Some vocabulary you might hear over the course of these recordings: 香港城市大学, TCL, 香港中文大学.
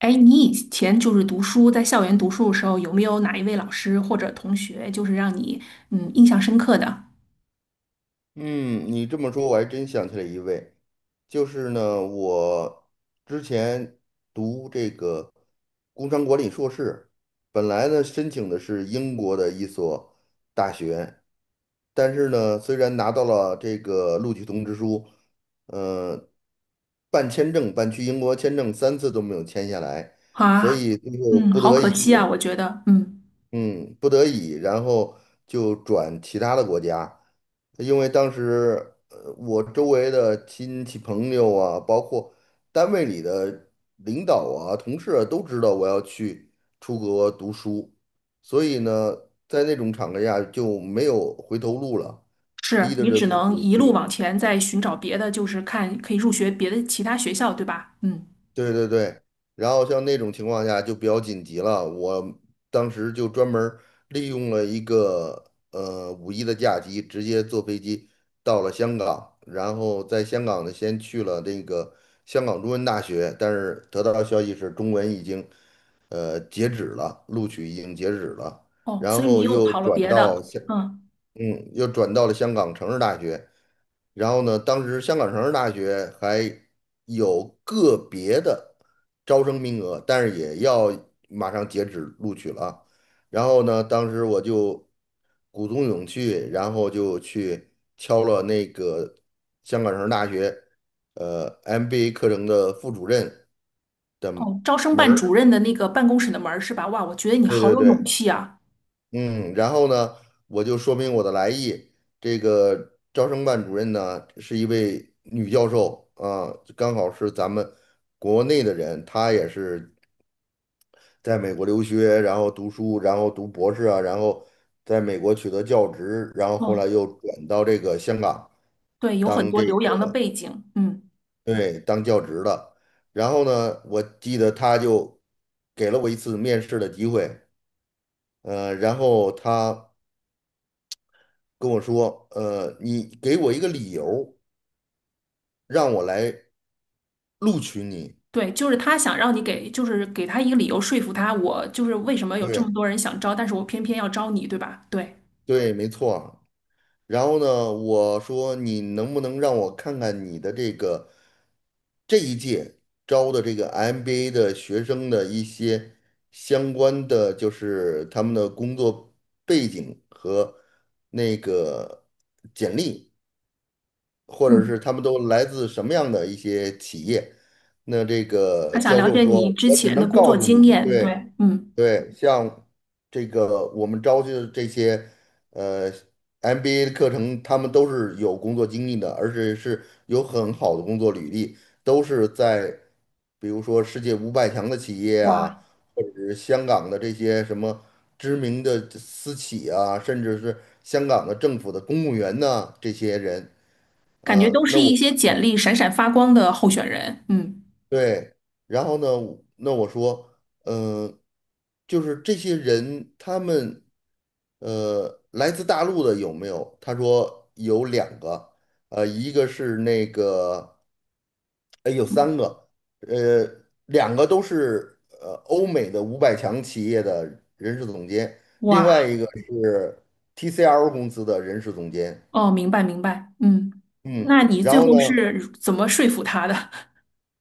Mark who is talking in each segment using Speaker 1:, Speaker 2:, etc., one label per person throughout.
Speaker 1: 哎，你以前就是读书，在校园读书的时候，有没有哪一位老师或者同学，就是让你印象深刻的
Speaker 2: 嗯，你这么说，我还真想起来一位，就是呢，我之前读这个工商管理硕士，本来呢申请的是英国的一所大学，但是呢，虽然拿到了这个录取通知书，呃，办签证，办去英国签证3次都没有签下来，所
Speaker 1: 啊？
Speaker 2: 以最后
Speaker 1: 嗯，
Speaker 2: 不
Speaker 1: 好
Speaker 2: 得
Speaker 1: 可
Speaker 2: 已。
Speaker 1: 惜啊，我觉得，嗯，
Speaker 2: 嗯，不得已，然后就转其他的国家，因为当时我周围的亲戚朋友啊，包括单位里的领导啊、同事啊，都知道我要去出国读书，所以呢，在那种场合下就没有回头路了，
Speaker 1: 是
Speaker 2: 逼着
Speaker 1: 你
Speaker 2: 着
Speaker 1: 只
Speaker 2: 自
Speaker 1: 能
Speaker 2: 己
Speaker 1: 一路
Speaker 2: 去。
Speaker 1: 往前再寻找别的，就是看可以入学别的其他学校，对吧？嗯，
Speaker 2: 对对对，然后像那种情况下就比较紧急了，我当时就专门儿利用了一个五一的假期，直接坐飞机到了香港，然后在香港呢先去了那个香港中文大学，但是得到消息是中文已经截止了，录取已经截止了，
Speaker 1: 哦，
Speaker 2: 然
Speaker 1: 所以你
Speaker 2: 后
Speaker 1: 又跑了别的，嗯，
Speaker 2: 又转到了香港城市大学。然后呢，当时香港城市大学还有个别的招生名额，但是也要马上截止录取了啊。然后呢，当时我就鼓足勇气，然后就去敲了那个香港城市大学MBA 课程的副主任
Speaker 1: 哦，招生
Speaker 2: 门
Speaker 1: 办
Speaker 2: 儿。
Speaker 1: 主任的那个办公室的门儿是吧？哇，我觉得你
Speaker 2: 对
Speaker 1: 好
Speaker 2: 对
Speaker 1: 有勇
Speaker 2: 对，
Speaker 1: 气啊。
Speaker 2: 嗯，然后呢，我就说明我的来意。这个招生办主任呢，是一位女教授啊，刚好是咱们国内的人，她也是在美国留学，然后读书，然后读博士啊，然后在美国取得教职，然后后来
Speaker 1: 哦，
Speaker 2: 又转到这个香港
Speaker 1: 对，有很
Speaker 2: 当
Speaker 1: 多
Speaker 2: 这
Speaker 1: 留洋的
Speaker 2: 个，
Speaker 1: 背景，嗯。
Speaker 2: 对，当教职的。然后呢，我记得她就给了我一次面试的机会，然后她跟我说，你给我一个理由，让我来录取你。
Speaker 1: 对，就是他想让你给，就是给他一个理由说服他，我就是为什么有这么
Speaker 2: 对
Speaker 1: 多人想招，但是我偏偏要招你，对吧？对，
Speaker 2: 对，没错。然后呢，我说你能不能让我看看你的这个这一届招的这个 MBA 的学生的一些相关的，就是他们的工作背景和那个简历，或者
Speaker 1: 嗯，
Speaker 2: 是他们都来自什么样的一些企业。那这
Speaker 1: 他
Speaker 2: 个
Speaker 1: 想
Speaker 2: 教
Speaker 1: 了
Speaker 2: 授
Speaker 1: 解
Speaker 2: 说，
Speaker 1: 你之
Speaker 2: 我只
Speaker 1: 前的
Speaker 2: 能
Speaker 1: 工
Speaker 2: 告
Speaker 1: 作
Speaker 2: 诉
Speaker 1: 经
Speaker 2: 你，
Speaker 1: 验，对，
Speaker 2: 对
Speaker 1: 嗯，
Speaker 2: 对，像这个我们招去的这些呃 MBA 的课程，他们都是有工作经历的，而且是有很好的工作履历，都是在比如说世界五百强的企业
Speaker 1: 哇，
Speaker 2: 啊，或者是香港的这些什么知名的私企啊，甚至是香港的政府的公务员呐，这些人。
Speaker 1: 感觉
Speaker 2: 嗯，
Speaker 1: 都是
Speaker 2: 那
Speaker 1: 一
Speaker 2: 我，
Speaker 1: 些简历闪闪发光的候选人，嗯，
Speaker 2: 对，然后呢，那我说，嗯、就是这些人，他们，来自大陆的有没有？他说有两个，一个是那个，哎，有三个，呃，两个都是欧美的五百强企业的人事总监，另外
Speaker 1: 哇，
Speaker 2: 一个是 TCL 公司的人事总监。
Speaker 1: 哦，明白明白，嗯，
Speaker 2: 嗯，
Speaker 1: 那你
Speaker 2: 然
Speaker 1: 最
Speaker 2: 后
Speaker 1: 后
Speaker 2: 呢？
Speaker 1: 是怎么说服他的？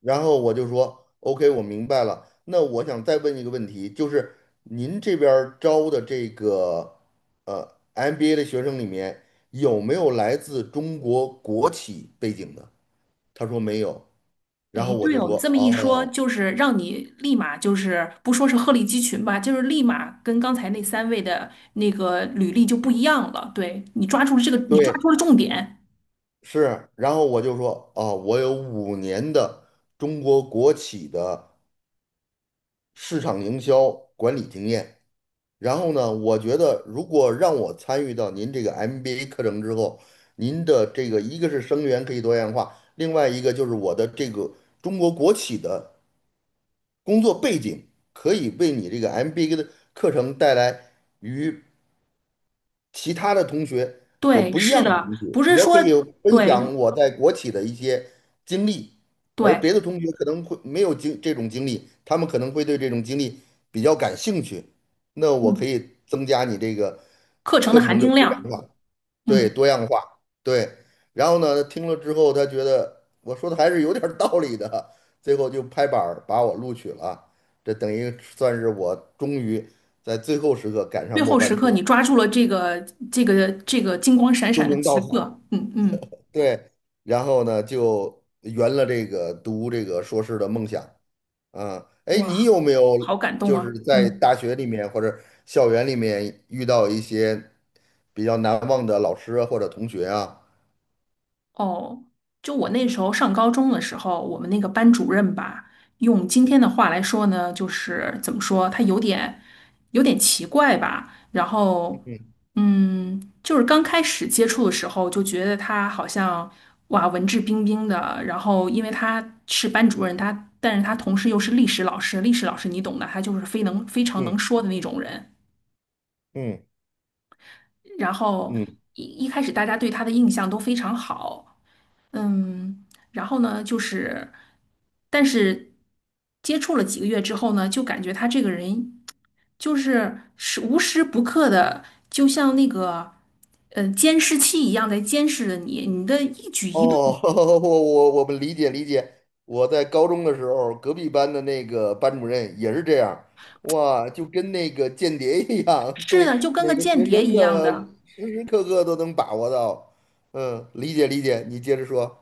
Speaker 2: 然后我就说，OK,我明白了。那我想再问一个问题，就是您这边儿招的这个MBA 的学生里面，有没有来自中国国企背景的？他说没有。然
Speaker 1: 哎，
Speaker 2: 后我
Speaker 1: 对
Speaker 2: 就
Speaker 1: 哦，你
Speaker 2: 说，
Speaker 1: 这么一说，
Speaker 2: 哦，
Speaker 1: 就是让你立马就是不说是鹤立鸡群吧，就是立马跟刚才那三位的那个履历就不一样了。对，你抓住了这个，你抓住
Speaker 2: 对，
Speaker 1: 了重点。
Speaker 2: 是。然后我就说，哦，我有5年的中国国企的市场营销管理经验。然后呢，我觉得如果让我参与到您这个 MBA 课程之后，您的这个一个是生源可以多样化，另外一个就是我的这个中国国企的工作背景可以为你这个 MBA 的课程带来与其他的同学所
Speaker 1: 对，
Speaker 2: 不一
Speaker 1: 是
Speaker 2: 样的
Speaker 1: 的，
Speaker 2: 东西，
Speaker 1: 不是
Speaker 2: 我
Speaker 1: 说
Speaker 2: 可以分
Speaker 1: 对
Speaker 2: 享我在国企的一些经历，而别
Speaker 1: 对，
Speaker 2: 的同学可能会没有这种经历，他们可能会对这种经历比较感兴趣，那我可
Speaker 1: 嗯，
Speaker 2: 以增加你这个
Speaker 1: 课程的
Speaker 2: 课
Speaker 1: 含
Speaker 2: 程的
Speaker 1: 金
Speaker 2: 多样
Speaker 1: 量，
Speaker 2: 化，对，
Speaker 1: 嗯，
Speaker 2: 多样化，对。然后呢，听了之后他觉得我说的还是有点儿道理的，最后就拍板儿把我录取了，这等于算是我终于在最后时刻赶上
Speaker 1: 最
Speaker 2: 末
Speaker 1: 后
Speaker 2: 班
Speaker 1: 时刻
Speaker 2: 车，
Speaker 1: 你抓住了这个这个金光闪
Speaker 2: 救
Speaker 1: 闪的
Speaker 2: 命
Speaker 1: 时
Speaker 2: 稻草。
Speaker 1: 刻，嗯嗯，
Speaker 2: 对，然后呢就圆了这个读这个硕士的梦想啊。哎，你
Speaker 1: 哇，
Speaker 2: 有没
Speaker 1: 好
Speaker 2: 有
Speaker 1: 感动
Speaker 2: 就是
Speaker 1: 啊，
Speaker 2: 在
Speaker 1: 嗯。
Speaker 2: 大学里面或者校园里面遇到一些比较难忘的老师啊或者同学啊？
Speaker 1: 哦，就我那时候上高中的时候，我们那个班主任吧，用今天的话来说呢，就是怎么说，他有点奇怪吧。然后，
Speaker 2: 嗯
Speaker 1: 嗯，就是刚开始接触的时候，就觉得他好像哇，文质彬彬的。然后，因为他是班主任，他但是他同时又是历史老师，历史老师你懂的，他就是非常能
Speaker 2: 嗯
Speaker 1: 说的那种人。
Speaker 2: 嗯
Speaker 1: 然后
Speaker 2: 嗯。
Speaker 1: 一开始大家对他的印象都非常好。嗯，然后呢，就是，但是接触了几个月之后呢，就感觉他这个人就是无时不刻的，就像那个监视器一样在监视着你，你的一举一动
Speaker 2: 哦，我们理解理解。我在高中的时候，隔壁班的那个班主任也是这样，哇，就跟那个间谍一样，
Speaker 1: 是
Speaker 2: 对，
Speaker 1: 的，就跟个
Speaker 2: 每个
Speaker 1: 间
Speaker 2: 学
Speaker 1: 谍
Speaker 2: 生
Speaker 1: 一样
Speaker 2: 的
Speaker 1: 的。
Speaker 2: 时时刻刻都能把握到。嗯，理解理解，你接着说。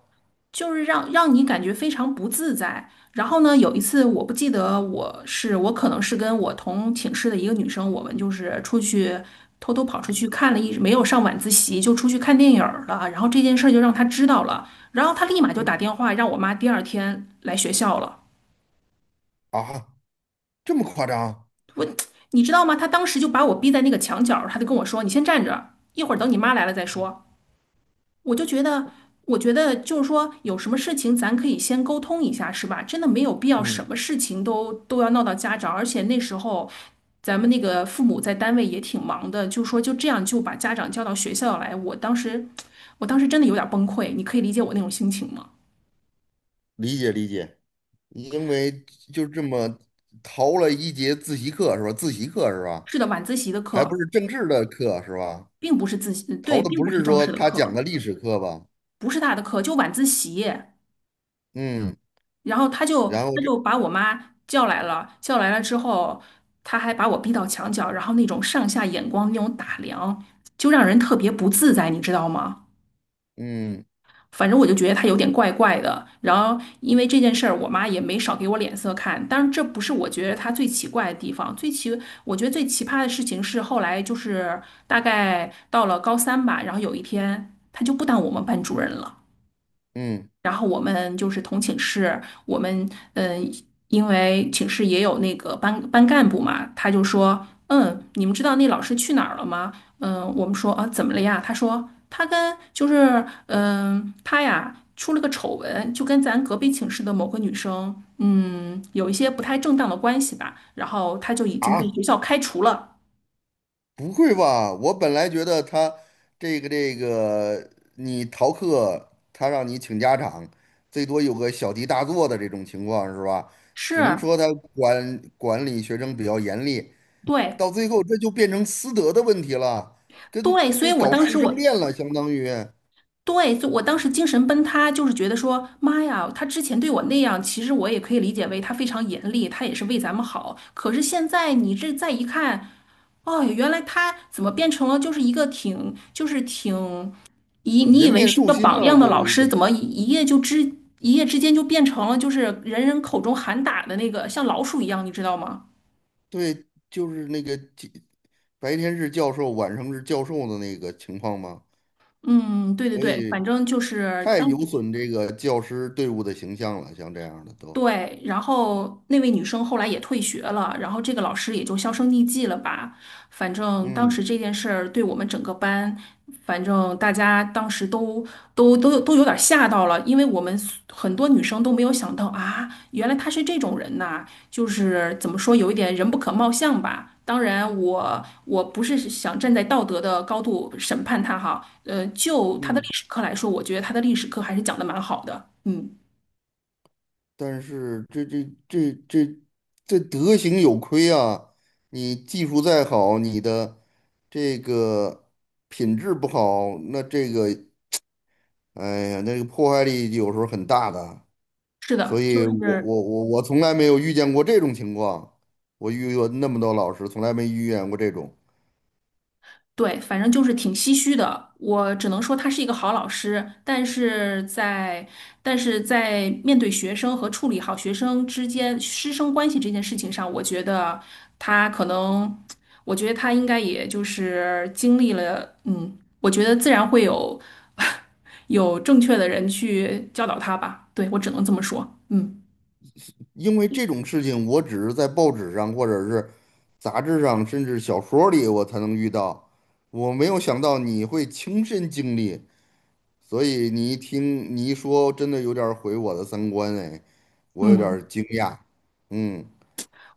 Speaker 1: 就是让你感觉非常不自在。然后呢，有一次我不记得我是我可能是跟我同寝室的一个女生，我们就是出去偷偷跑出去看了一，没有上晚自习就出去看电影儿了。然后这件事儿就让她知道了，然后她立马就
Speaker 2: 嗯，
Speaker 1: 打电话让我妈第二天来学校了。
Speaker 2: 啊，这么夸张？
Speaker 1: 你知道吗？她当时就把我逼在那个墙角儿，她就跟我说：“你先站着，一会儿等你妈来了再说。”我就觉得，我觉得就是说，有什么事情咱可以先沟通一下，是吧？真的没有必要什
Speaker 2: 嗯，
Speaker 1: 么事情都要闹到家长，而且那时候咱们那个父母在单位也挺忙的，就说就这样就把家长叫到学校来，我当时，我当时真的有点崩溃，你可以理解我那种心情吗？
Speaker 2: 理解理解，因为就这么逃了一节自习课是吧？自习课是吧？
Speaker 1: 是的，晚自习的
Speaker 2: 还不
Speaker 1: 课
Speaker 2: 是政治的课是吧？
Speaker 1: 并不是自习，
Speaker 2: 逃
Speaker 1: 对，
Speaker 2: 的
Speaker 1: 并
Speaker 2: 不
Speaker 1: 不是
Speaker 2: 是
Speaker 1: 正
Speaker 2: 说
Speaker 1: 式的
Speaker 2: 他讲的
Speaker 1: 课，
Speaker 2: 历史课吧？
Speaker 1: 不是他的课，就晚自习。
Speaker 2: 嗯。
Speaker 1: 然后他就
Speaker 2: 然后
Speaker 1: 他
Speaker 2: 这，
Speaker 1: 就把我妈叫来了，叫来了之后，他还把我逼到墙角，然后那种上下眼光那种打量，就让人特别不自在，你知道吗？
Speaker 2: 嗯
Speaker 1: 反正我就觉得他有点怪怪的。然后因为这件事儿，我妈也没少给我脸色看。但是这不是我觉得他最奇怪的地方，最奇我觉得最奇葩的事情是后来就是大概到了高三吧，然后有一天他就不当我们班主任了。
Speaker 2: 嗯，
Speaker 1: 然后我们就是同寝室，我们嗯，呃因为寝室也有那个班干部嘛，他就说，嗯，你们知道那老师去哪儿了吗？嗯，我们说啊，怎么了呀？他说他跟他呀出了个丑闻，就跟咱隔壁寝室的某个女生，嗯，有一些不太正当的关系吧，然后他就已经被
Speaker 2: 啊，
Speaker 1: 学校开除了。
Speaker 2: 不会吧？我本来觉得他这个这个，你逃课，他让你请家长，最多有个小题大做的这种情况是吧？只能
Speaker 1: 是，
Speaker 2: 说他管理学生比较严厉，
Speaker 1: 对
Speaker 2: 到最后这就变成私德的问题了，
Speaker 1: 对，所以
Speaker 2: 跟
Speaker 1: 我
Speaker 2: 搞
Speaker 1: 当
Speaker 2: 师
Speaker 1: 时
Speaker 2: 生
Speaker 1: 我
Speaker 2: 恋了，相当于
Speaker 1: 对，就我当时精神崩塌，就是觉得说，妈呀，他之前对我那样，其实我也可以理解为他非常严厉，他也是为咱们好。可是现在你这再一看，哦，原来他怎么变成了就是一个挺，就是挺以你以
Speaker 2: 人
Speaker 1: 为
Speaker 2: 面
Speaker 1: 是一
Speaker 2: 兽
Speaker 1: 个
Speaker 2: 心
Speaker 1: 榜
Speaker 2: 了，
Speaker 1: 样
Speaker 2: 这
Speaker 1: 的老
Speaker 2: 有一
Speaker 1: 师，怎
Speaker 2: 点。
Speaker 1: 么一一夜一夜之间就变成了就是人人口中喊打的那个像老鼠一样，你知道吗？
Speaker 2: 对，就是那个白天是教授，晚上是教授的那个情况吗？
Speaker 1: 嗯，对对
Speaker 2: 所
Speaker 1: 对，反
Speaker 2: 以，
Speaker 1: 正就是
Speaker 2: 太
Speaker 1: 当。
Speaker 2: 有损这个教师队伍的形象了，像这样的都，
Speaker 1: 对，然后那位女生后来也退学了，然后这个老师也就销声匿迹了吧。反正当
Speaker 2: 嗯
Speaker 1: 时这件事儿对我们整个班，反正大家当时都都有点吓到了，因为很多女生都没有想到啊，原来她是这种人呐，就是怎么说有一点人不可貌相吧。当然我，我不是想站在道德的高度审判她哈，就她的历
Speaker 2: 嗯，
Speaker 1: 史课来说，我觉得她的历史课还是讲的蛮好的，嗯。
Speaker 2: 但是这德行有亏啊！你技术再好，你的这个品质不好，那这个，哎呀，那个破坏力有时候很大的。
Speaker 1: 是
Speaker 2: 所
Speaker 1: 的，
Speaker 2: 以
Speaker 1: 就是
Speaker 2: 我从来没有遇见过这种情况，我遇过那么多老师，从来没遇见过这种。
Speaker 1: 对，反正就是挺唏嘘的。我只能说他是一个好老师，但是在但是在面对学生和处理好学生之间师生关系这件事情上，我觉得他可能，我觉得他应该也就是经历了，嗯，我觉得自然会有 有正确的人去教导他吧。对，我只能这么说。嗯
Speaker 2: 因为这种事情，我只是在报纸上或者是杂志上，甚至小说里我才能遇到。我没有想到你会亲身经历，所以你一听你一说，真的有点儿毁我的三观哎，我有点儿
Speaker 1: 嗯。
Speaker 2: 惊讶。嗯，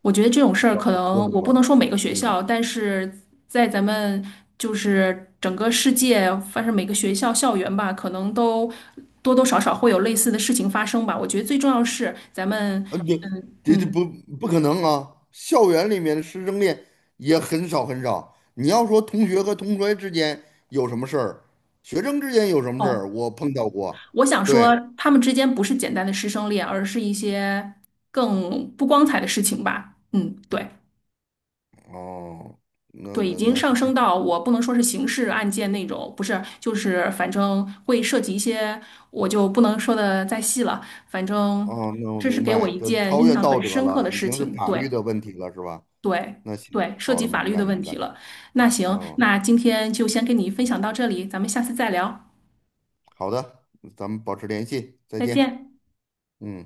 Speaker 1: 我觉得这种事儿可
Speaker 2: 说
Speaker 1: 能
Speaker 2: 什
Speaker 1: 我不能
Speaker 2: 么？
Speaker 1: 说每个学
Speaker 2: 嗯，
Speaker 1: 校，但是在咱们就是整个世界，反正每个学校校园吧，可能都多多少少会有类似的事情发生吧。我觉得最重要是咱们，
Speaker 2: 啊，你这
Speaker 1: 嗯，
Speaker 2: 不可能啊！校园里面的师生恋也很少很少。你要说同学和同学之间有什么事儿，学生之间有什么事儿，
Speaker 1: 哦，
Speaker 2: 我碰到过。
Speaker 1: 我想
Speaker 2: 对，
Speaker 1: 说他们之间不是简单的师生恋，而是一些更不光彩的事情吧。嗯，对。
Speaker 2: 哦，
Speaker 1: 对，已经
Speaker 2: 那，
Speaker 1: 上升到我不能说是刑事案件那种，不是，就是反正会涉及一些，我就不能说的再细了。反正
Speaker 2: 哦，那我
Speaker 1: 这是
Speaker 2: 明
Speaker 1: 给我
Speaker 2: 白，
Speaker 1: 一
Speaker 2: 就
Speaker 1: 件
Speaker 2: 超
Speaker 1: 印
Speaker 2: 越
Speaker 1: 象
Speaker 2: 道
Speaker 1: 很
Speaker 2: 德
Speaker 1: 深刻
Speaker 2: 了，
Speaker 1: 的
Speaker 2: 已
Speaker 1: 事
Speaker 2: 经是
Speaker 1: 情，
Speaker 2: 法律
Speaker 1: 对
Speaker 2: 的问题了，是吧？
Speaker 1: 对
Speaker 2: 那行，
Speaker 1: 对，涉
Speaker 2: 好
Speaker 1: 及
Speaker 2: 的，
Speaker 1: 法
Speaker 2: 明
Speaker 1: 律
Speaker 2: 白
Speaker 1: 的问
Speaker 2: 明
Speaker 1: 题
Speaker 2: 白。
Speaker 1: 了。那行，
Speaker 2: 嗯，
Speaker 1: 那今天就先跟你分享到这里，咱们下次再聊，
Speaker 2: 好的，咱们保持联系，再
Speaker 1: 再
Speaker 2: 见。
Speaker 1: 见。
Speaker 2: 嗯。